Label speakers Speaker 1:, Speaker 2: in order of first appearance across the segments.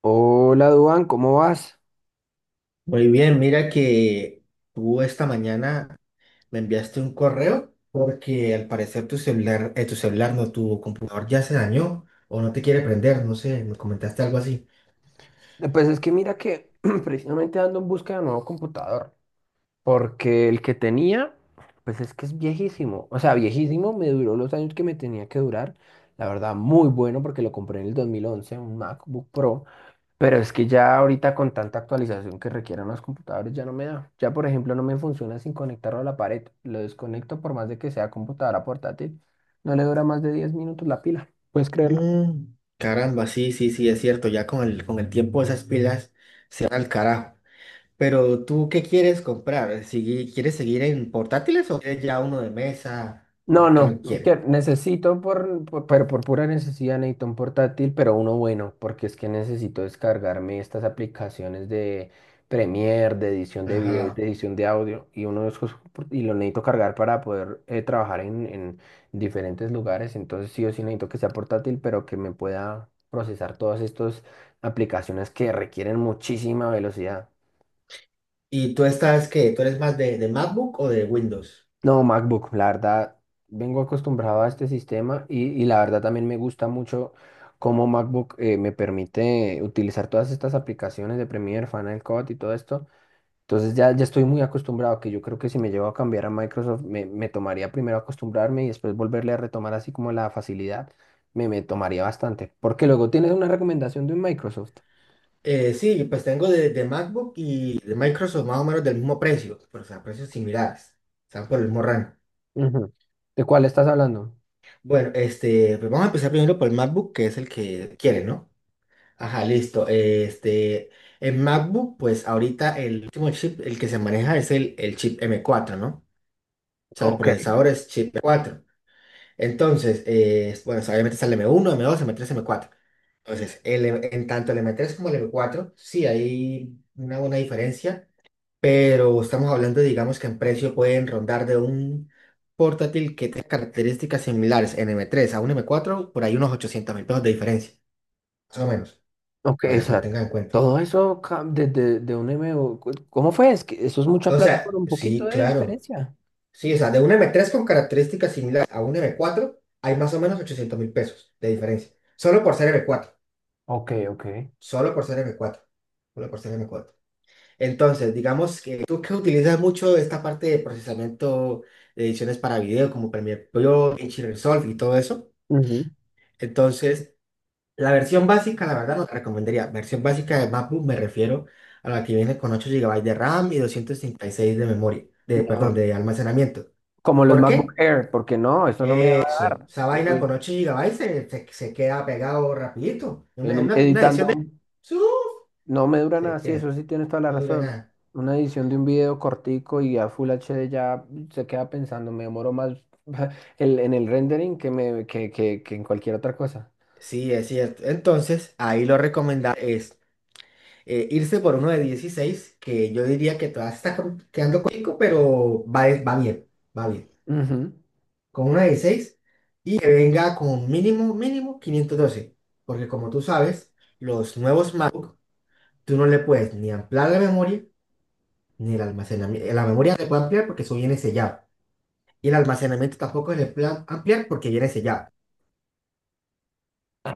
Speaker 1: Hola, Duan, ¿cómo vas?
Speaker 2: Muy bien, mira que tú esta mañana me enviaste un correo porque al parecer tu celular, no, tu computador ya se dañó o no te quiere prender, no sé, me comentaste algo así.
Speaker 1: Pues es que mira que precisamente ando en busca de un nuevo computador, porque el que tenía, pues es que es viejísimo, o sea, viejísimo, me duró los años que me tenía que durar, la verdad, muy bueno porque lo compré en el 2011, un MacBook Pro, pero es que ya ahorita con tanta actualización que requieren los computadores ya no me da, ya por ejemplo no me funciona sin conectarlo a la pared, lo desconecto por más de que sea computadora portátil, no le dura más de 10 minutos la pila, ¿puedes creerlo?
Speaker 2: Mm, caramba, sí, sí, sí, es cierto, ya con el tiempo esas pilas se van al carajo. Pero tú, ¿qué quieres comprar? ¿Quieres seguir en portátiles o quieres ya uno de mesa
Speaker 1: No,
Speaker 2: o qué
Speaker 1: no,
Speaker 2: lo quieres?
Speaker 1: que necesito pero por pura necesidad necesito un portátil, pero uno bueno, porque es que necesito descargarme estas aplicaciones de Premiere, de edición de video y de
Speaker 2: Ajá.
Speaker 1: edición de audio, y uno de esos, por- y lo necesito cargar para poder trabajar en diferentes lugares, entonces sí o sí necesito que sea portátil, pero que me pueda procesar todas estas aplicaciones que requieren muchísima velocidad.
Speaker 2: ¿Y tú estás qué? ¿Tú eres más de MacBook o de Windows?
Speaker 1: No, MacBook, la verdad, vengo acostumbrado a este sistema y la verdad también me gusta mucho cómo MacBook me permite utilizar todas estas aplicaciones de Premiere, Final Cut y todo esto. Entonces ya estoy muy acostumbrado, que yo creo que si me llevo a cambiar a Microsoft, me tomaría primero acostumbrarme y después volverle a retomar así como la facilidad, me tomaría bastante. Porque luego tienes una recomendación de un Microsoft.
Speaker 2: Sí, pues tengo de MacBook y de Microsoft más o menos del mismo precio, pero, o sea, precios similares, están por el mismo rango.
Speaker 1: Ujú. ¿De cuál estás hablando?
Speaker 2: Bueno, este, pues vamos a empezar primero por el MacBook, que es el que quiere, ¿no? Ajá, listo. Este, en MacBook, pues ahorita el último chip, el que se maneja es el chip M4, ¿no? O sea, el
Speaker 1: Ok.
Speaker 2: procesador es chip M4. Entonces, bueno, o sea, obviamente está el M1, M2, M3, M4. Entonces, en tanto el M3 como el M4, sí hay una buena diferencia, pero estamos hablando, digamos, que en precio pueden rondar de un portátil que tenga características similares en M3 a un M4 por ahí unos 800.000 pesos de diferencia, más o menos,
Speaker 1: Ok, o
Speaker 2: para que lo
Speaker 1: sea,
Speaker 2: tengan en cuenta.
Speaker 1: todo eso ca- de un MBO, cu- ¿cómo fue? Es que eso es mucha
Speaker 2: O
Speaker 1: plata
Speaker 2: sea,
Speaker 1: por un poquito
Speaker 2: sí,
Speaker 1: de
Speaker 2: claro.
Speaker 1: diferencia.
Speaker 2: Sí, o sea, de un M3 con características similares a un M4 hay más o menos 800.000 pesos de diferencia. Solo por ser M4.
Speaker 1: Ok, ok.
Speaker 2: Solo por ser m cuatro. Solo por ser m cuatro. Entonces, digamos que tú, que utilizas mucho esta parte de procesamiento de ediciones para video, como Premiere Pro, DaVinci Resolve y todo eso.
Speaker 1: Ujú.
Speaker 2: Entonces, la versión básica, la verdad, no te recomendaría. Versión básica de MacBook me refiero a la que viene con 8 GB de RAM y 236 de memoria, de,
Speaker 1: No,
Speaker 2: perdón, de almacenamiento.
Speaker 1: como los
Speaker 2: ¿Por
Speaker 1: MacBook
Speaker 2: qué?
Speaker 1: Air, porque no, eso no me va a
Speaker 2: Eso,
Speaker 1: dar.
Speaker 2: esa
Speaker 1: Eso
Speaker 2: vaina
Speaker 1: es,
Speaker 2: con 8 GB se queda pegado rapidito.
Speaker 1: en un-
Speaker 2: Una edición
Speaker 1: editando
Speaker 2: de... ¡Suf!
Speaker 1: no me dura nada,
Speaker 2: Se
Speaker 1: sí, eso
Speaker 2: queda,
Speaker 1: sí tienes toda la
Speaker 2: no dura
Speaker 1: razón.
Speaker 2: nada.
Speaker 1: Una edición de un video cortico y a Full HD ya se queda pensando, me demoro más el- en el rendering que, me, que en cualquier otra cosa.
Speaker 2: Sí, es cierto. Entonces, ahí lo recomendable es irse por uno de 16, que yo diría que todavía está quedando cortico, pero va bien, va bien.
Speaker 1: Ujú.
Speaker 2: Con uno de 16 y que venga con mínimo, mínimo 512. Porque como tú sabes, los nuevos MacBook, tú no le puedes ni ampliar la memoria, ni el almacenamiento. La memoria le puede ampliar porque eso viene sellado. Y el almacenamiento tampoco se le puede ampliar porque viene sellado.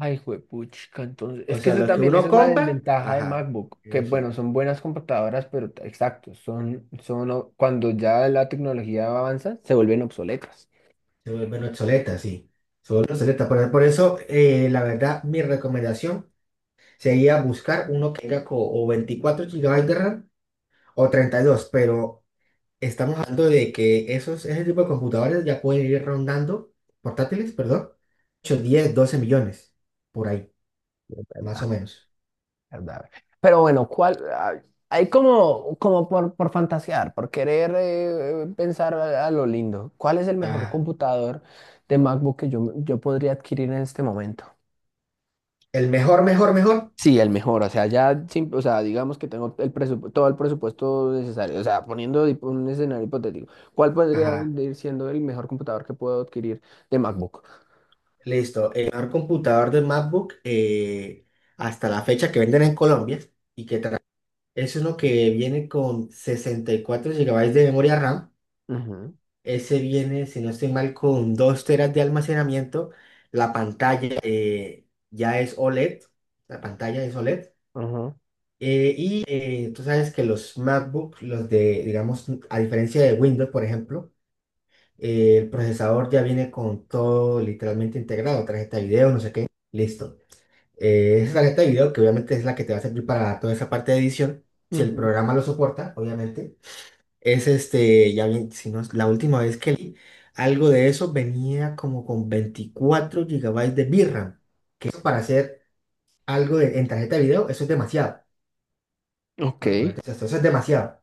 Speaker 1: Ay, juepuchica, entonces,
Speaker 2: O
Speaker 1: es que
Speaker 2: sea,
Speaker 1: eso
Speaker 2: lo que
Speaker 1: también, esa
Speaker 2: uno
Speaker 1: es la
Speaker 2: compra,
Speaker 1: desventaja de
Speaker 2: ajá,
Speaker 1: MacBook, que bueno,
Speaker 2: eso.
Speaker 1: son buenas computadoras, pero t- exacto, o- cuando ya la tecnología avanza, se vuelven obsoletas.
Speaker 2: Se vuelven obsoleta, sí. Se vuelven obsoleta. Por eso, la verdad, mi recomendación sería buscar uno que tenga o 24 GB de RAM o 32, pero estamos hablando de que esos, ese tipo de computadores ya pueden ir rondando, portátiles, perdón, 8, 10, 12 millones, por ahí,
Speaker 1: Es
Speaker 2: más o
Speaker 1: verdad,
Speaker 2: menos.
Speaker 1: es verdad. Pero bueno, ¿cuál? Ah, hay como, como por fantasear, por querer pensar a lo lindo. ¿Cuál es el mejor
Speaker 2: Ajá.
Speaker 1: computador de MacBook que yo podría adquirir en este momento?
Speaker 2: El mejor, mejor, mejor.
Speaker 1: Sí, el mejor, o sea, ya, sim- o sea, digamos que tengo el presupu- todo el presupuesto necesario, o sea, poniendo hip- un escenario hipotético, ¿cuál podría
Speaker 2: Ajá.
Speaker 1: venir siendo el mejor computador que puedo adquirir de MacBook?
Speaker 2: Listo. El mejor computador de MacBook, hasta la fecha, que venden en Colombia y que es uno que viene con 64 GB de memoria RAM.
Speaker 1: Ujú,
Speaker 2: Ese viene, si no estoy mal, con 2 teras de almacenamiento. La pantalla, ya es OLED. La pantalla es OLED.
Speaker 1: ujú,
Speaker 2: Y tú sabes que los MacBook, los de, digamos, a diferencia de Windows, por ejemplo, el procesador ya viene con todo literalmente integrado. Tarjeta de video, no sé qué. Listo. Esa tarjeta de video, que obviamente es la que te va a servir para toda esa parte de edición, si el
Speaker 1: ujú.
Speaker 2: programa lo soporta, obviamente. Es este, ya bien, si no, la última vez que leí algo de eso venía como con 24 GB de VRAM, que eso para hacer algo en tarjeta de video, eso es demasiado.
Speaker 1: Ok,
Speaker 2: Eso es demasiado.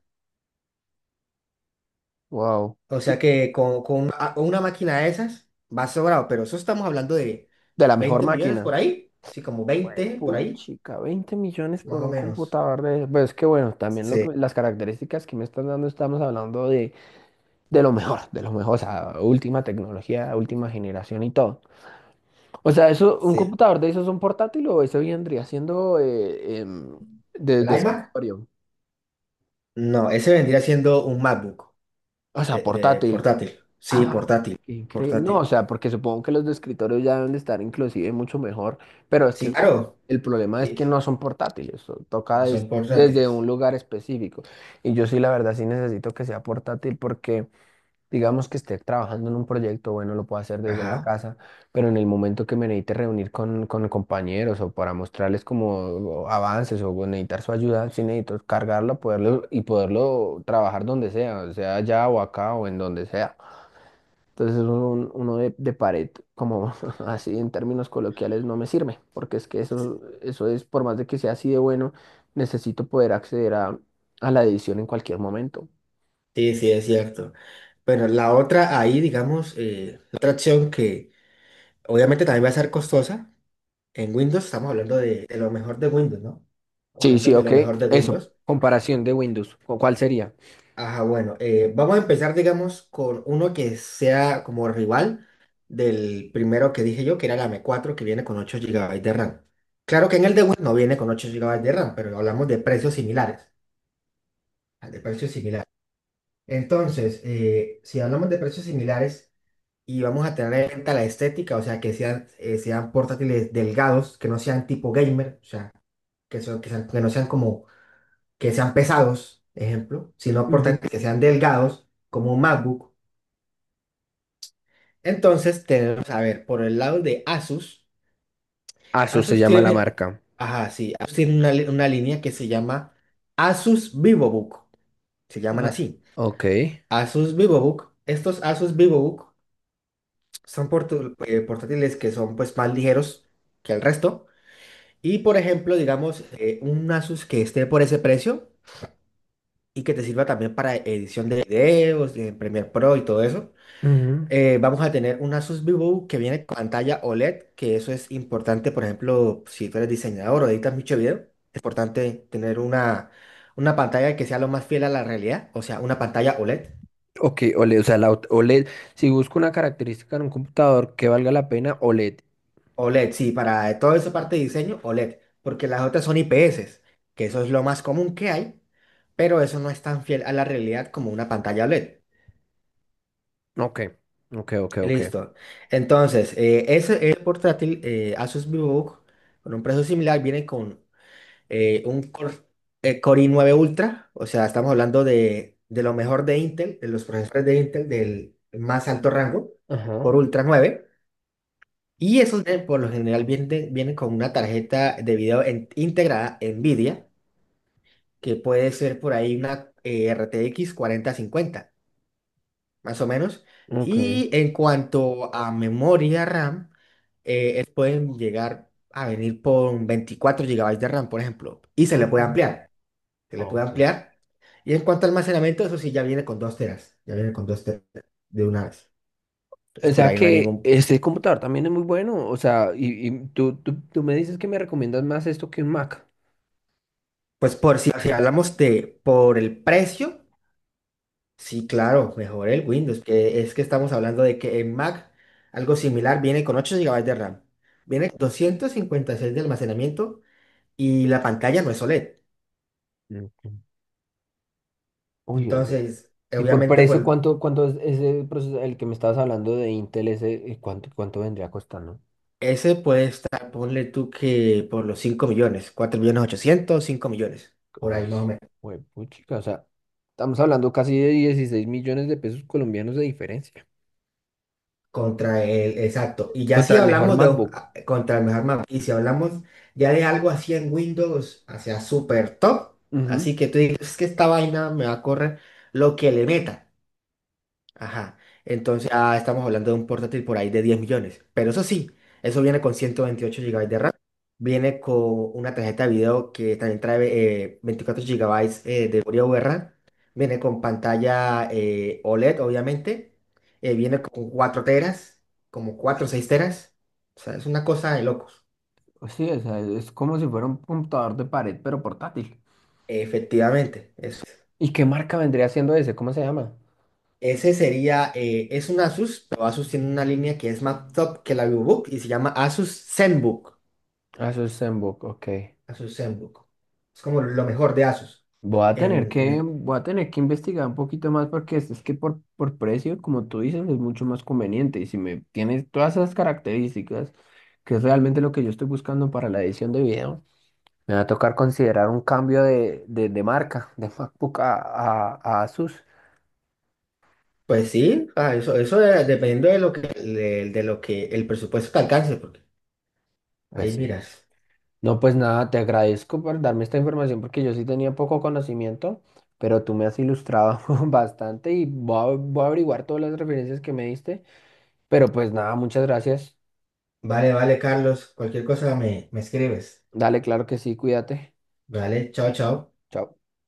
Speaker 1: wow.
Speaker 2: O sea
Speaker 1: Y
Speaker 2: que con una máquina de esas va sobrado, pero eso estamos hablando de
Speaker 1: de la mejor
Speaker 2: 20 millones
Speaker 1: máquina.
Speaker 2: por ahí, sí, como 20 por ahí,
Speaker 1: Puchica, 20 millones
Speaker 2: más
Speaker 1: por
Speaker 2: o
Speaker 1: un
Speaker 2: menos.
Speaker 1: computador de... Pues que bueno, también lo
Speaker 2: Sí,
Speaker 1: que- las características que me están dando, estamos hablando de lo mejor, o sea, última tecnología, última generación y todo. O sea, eso, un
Speaker 2: sí.
Speaker 1: computador de esos es un portátil o eso vendría siendo
Speaker 2: ¿El
Speaker 1: de
Speaker 2: iMac?
Speaker 1: escritorio.
Speaker 2: No, ese vendría siendo un MacBook
Speaker 1: O sea,
Speaker 2: de
Speaker 1: portátil.
Speaker 2: portátil. Sí,
Speaker 1: Ah,
Speaker 2: portátil,
Speaker 1: qué increíble. No, o
Speaker 2: portátil.
Speaker 1: sea, porque supongo que los de escritorio ya deben de estar inclusive mucho mejor, pero es
Speaker 2: Sí,
Speaker 1: que
Speaker 2: claro.
Speaker 1: el problema es
Speaker 2: Sí,
Speaker 1: que no son portátiles, so- toca
Speaker 2: no
Speaker 1: des-
Speaker 2: son
Speaker 1: desde un
Speaker 2: portátiles.
Speaker 1: lugar específico. Y yo sí, la verdad, sí necesito que sea portátil porque digamos que esté trabajando en un proyecto, bueno, lo puedo hacer desde la
Speaker 2: Ajá.
Speaker 1: casa, pero en el momento que me necesite reunir con compañeros o para mostrarles como avances o necesitar su ayuda, sí necesito cargarlo, poderlo y poderlo trabajar donde sea, sea allá o acá o en donde sea. Entonces un- uno de pared, como así en términos coloquiales, no me sirve, porque es que eso es, por más de que sea así de bueno, necesito poder acceder a la edición en cualquier momento.
Speaker 2: Sí, sí, es cierto. Bueno, la otra ahí, digamos, la otra opción que obviamente también va a ser costosa. En Windows estamos hablando de lo mejor de Windows, ¿no? Estamos
Speaker 1: Sí,
Speaker 2: hablando
Speaker 1: sí,
Speaker 2: de
Speaker 1: ok.
Speaker 2: lo mejor de
Speaker 1: Eso,
Speaker 2: Windows.
Speaker 1: comparación de Windows. ¿Cu- ¿cuál sería?
Speaker 2: Ajá, bueno, vamos a empezar, digamos, con uno que sea como rival del primero que dije yo, que era la M4 que viene con 8 GB de RAM. Claro que en el de Windows no viene con 8 GB de RAM, pero hablamos de precios similares, de precios similares. Entonces, si hablamos de precios similares y vamos a tener en cuenta la estética, o sea, que sean, sean portátiles delgados, que no sean tipo gamer, o sea, que no sean como, que sean pesados, ejemplo, sino
Speaker 1: Ujú.
Speaker 2: portátiles que sean delgados, como un MacBook. Entonces, tenemos, a ver, por el lado de Asus.
Speaker 1: Asus se
Speaker 2: Asus
Speaker 1: llama la
Speaker 2: tiene,
Speaker 1: marca.
Speaker 2: ajá, sí, Asus tiene una línea que se llama Asus VivoBook, se llaman
Speaker 1: Ah,
Speaker 2: así.
Speaker 1: ok.
Speaker 2: Asus VivoBook, estos Asus VivoBook. Son portátiles que son, pues, más ligeros que el resto. Y, por ejemplo, digamos, un Asus que esté por ese precio y que te sirva también para edición de videos, de Premiere Pro y todo eso.
Speaker 1: Ujú.
Speaker 2: Vamos a tener un Asus VivoBook que viene con pantalla OLED, que eso es importante, por ejemplo, si tú eres diseñador o editas mucho video. Es importante tener una pantalla que sea lo más fiel a la realidad, o sea, una pantalla OLED.
Speaker 1: Ok, OLED, o sea, la ot- OLED. Si busco una característica en un computador que valga la pena, OLED.
Speaker 2: OLED, sí, para todo eso parte de diseño, OLED, porque las otras son IPS, que eso es lo más común que hay, pero eso no es tan fiel a la realidad como una pantalla OLED.
Speaker 1: Ok, ok, ok, ok.
Speaker 2: Listo. Entonces, ese, el portátil, Asus VivoBook, con un precio similar, viene con eh, un Core, Core i9 Ultra, o sea, estamos hablando de lo mejor de Intel, de los procesadores de Intel del más alto rango, Core
Speaker 1: Ajá,
Speaker 2: Ultra 9. Y esos por lo general vienen con una tarjeta de video integrada NVIDIA, que puede ser por ahí una RTX 4050, más o menos.
Speaker 1: ok,
Speaker 2: Y en cuanto a memoria RAM, pueden llegar a venir con 24 GB de RAM, por ejemplo, y se le
Speaker 1: ok,
Speaker 2: puede ampliar. Se le puede
Speaker 1: ok.
Speaker 2: ampliar. Y en cuanto al almacenamiento, eso sí, ya viene con 2 teras. Ya viene con 2 teras de una vez.
Speaker 1: O
Speaker 2: Entonces, por
Speaker 1: sea
Speaker 2: ahí no hay
Speaker 1: que
Speaker 2: ningún...
Speaker 1: este computador también es muy bueno. O sea, tú me dices que me recomiendas más esto que un Mac.
Speaker 2: Pues por si hablamos de por el precio. Sí, claro, mejor el Windows, que es que estamos hablando de que en Mac algo similar viene con 8 GB de RAM, viene con 256 de almacenamiento y la pantalla no es OLED.
Speaker 1: Ok. Uy,
Speaker 2: Entonces,
Speaker 1: y por
Speaker 2: obviamente,
Speaker 1: precio,
Speaker 2: pues
Speaker 1: ¿cuánto es ese proceso, el que me estabas hablando de Intel, ese, cuánto vendría costando?
Speaker 2: ese puede estar, ponle tú que por los 5 millones, 4 millones 800, 5 millones, por ahí más o menos.
Speaker 1: Uy, puchica, o sea, estamos hablando casi de 16 millones de pesos colombianos de diferencia.
Speaker 2: Contra el, exacto. Y ya si
Speaker 1: Contra el mejor
Speaker 2: hablamos de,
Speaker 1: MacBook.
Speaker 2: contra el mejor mapa, y si hablamos ya de algo así en Windows, hacia super top,
Speaker 1: Ujú.
Speaker 2: así que tú dices, es que esta vaina me va a correr lo que le meta. Ajá. Entonces, estamos hablando de un portátil por ahí de 10 millones. Pero eso sí, eso viene con 128 GB de RAM. Viene con una tarjeta de video que también trae 24 GB de memoria VRAM. Viene con pantalla, OLED, obviamente. Viene con 4 teras, como 4 o 6 teras. O sea, es una cosa de locos.
Speaker 1: Pues sí, o sea, es como si fuera un computador de pared, pero portátil.
Speaker 2: Efectivamente, eso es.
Speaker 1: ¿Y qué marca vendría siendo ese? ¿Cómo se llama?
Speaker 2: Ese sería, es un Asus, pero Asus tiene una línea que es más top que la VivoBook y se llama Asus ZenBook.
Speaker 1: Ah, eso es Zenbook, ok.
Speaker 2: Asus ZenBook. Es como lo mejor de Asus.
Speaker 1: Voy a tener
Speaker 2: En, en es-
Speaker 1: voy a tener que investigar un poquito más porque es que por precio, como tú dices, es mucho más conveniente. Y si me tienes todas esas características, que es realmente lo que yo estoy buscando para la edición de video, me va a tocar considerar un cambio de marca, de MacBook a Asus.
Speaker 2: pues sí, dependiendo de lo que, de lo que el presupuesto te alcance, porque
Speaker 1: Pues
Speaker 2: ahí
Speaker 1: sí.
Speaker 2: miras.
Speaker 1: No, pues nada, te agradezco por darme esta información porque yo sí tenía poco conocimiento, pero tú me has ilustrado bastante y voy voy a averiguar todas las referencias que me diste. Pero pues nada, muchas gracias.
Speaker 2: Vale, vale, Carlos, cualquier cosa me escribes.
Speaker 1: Dale, claro que sí, cuídate.
Speaker 2: Vale, chao, chao.
Speaker 1: Chao.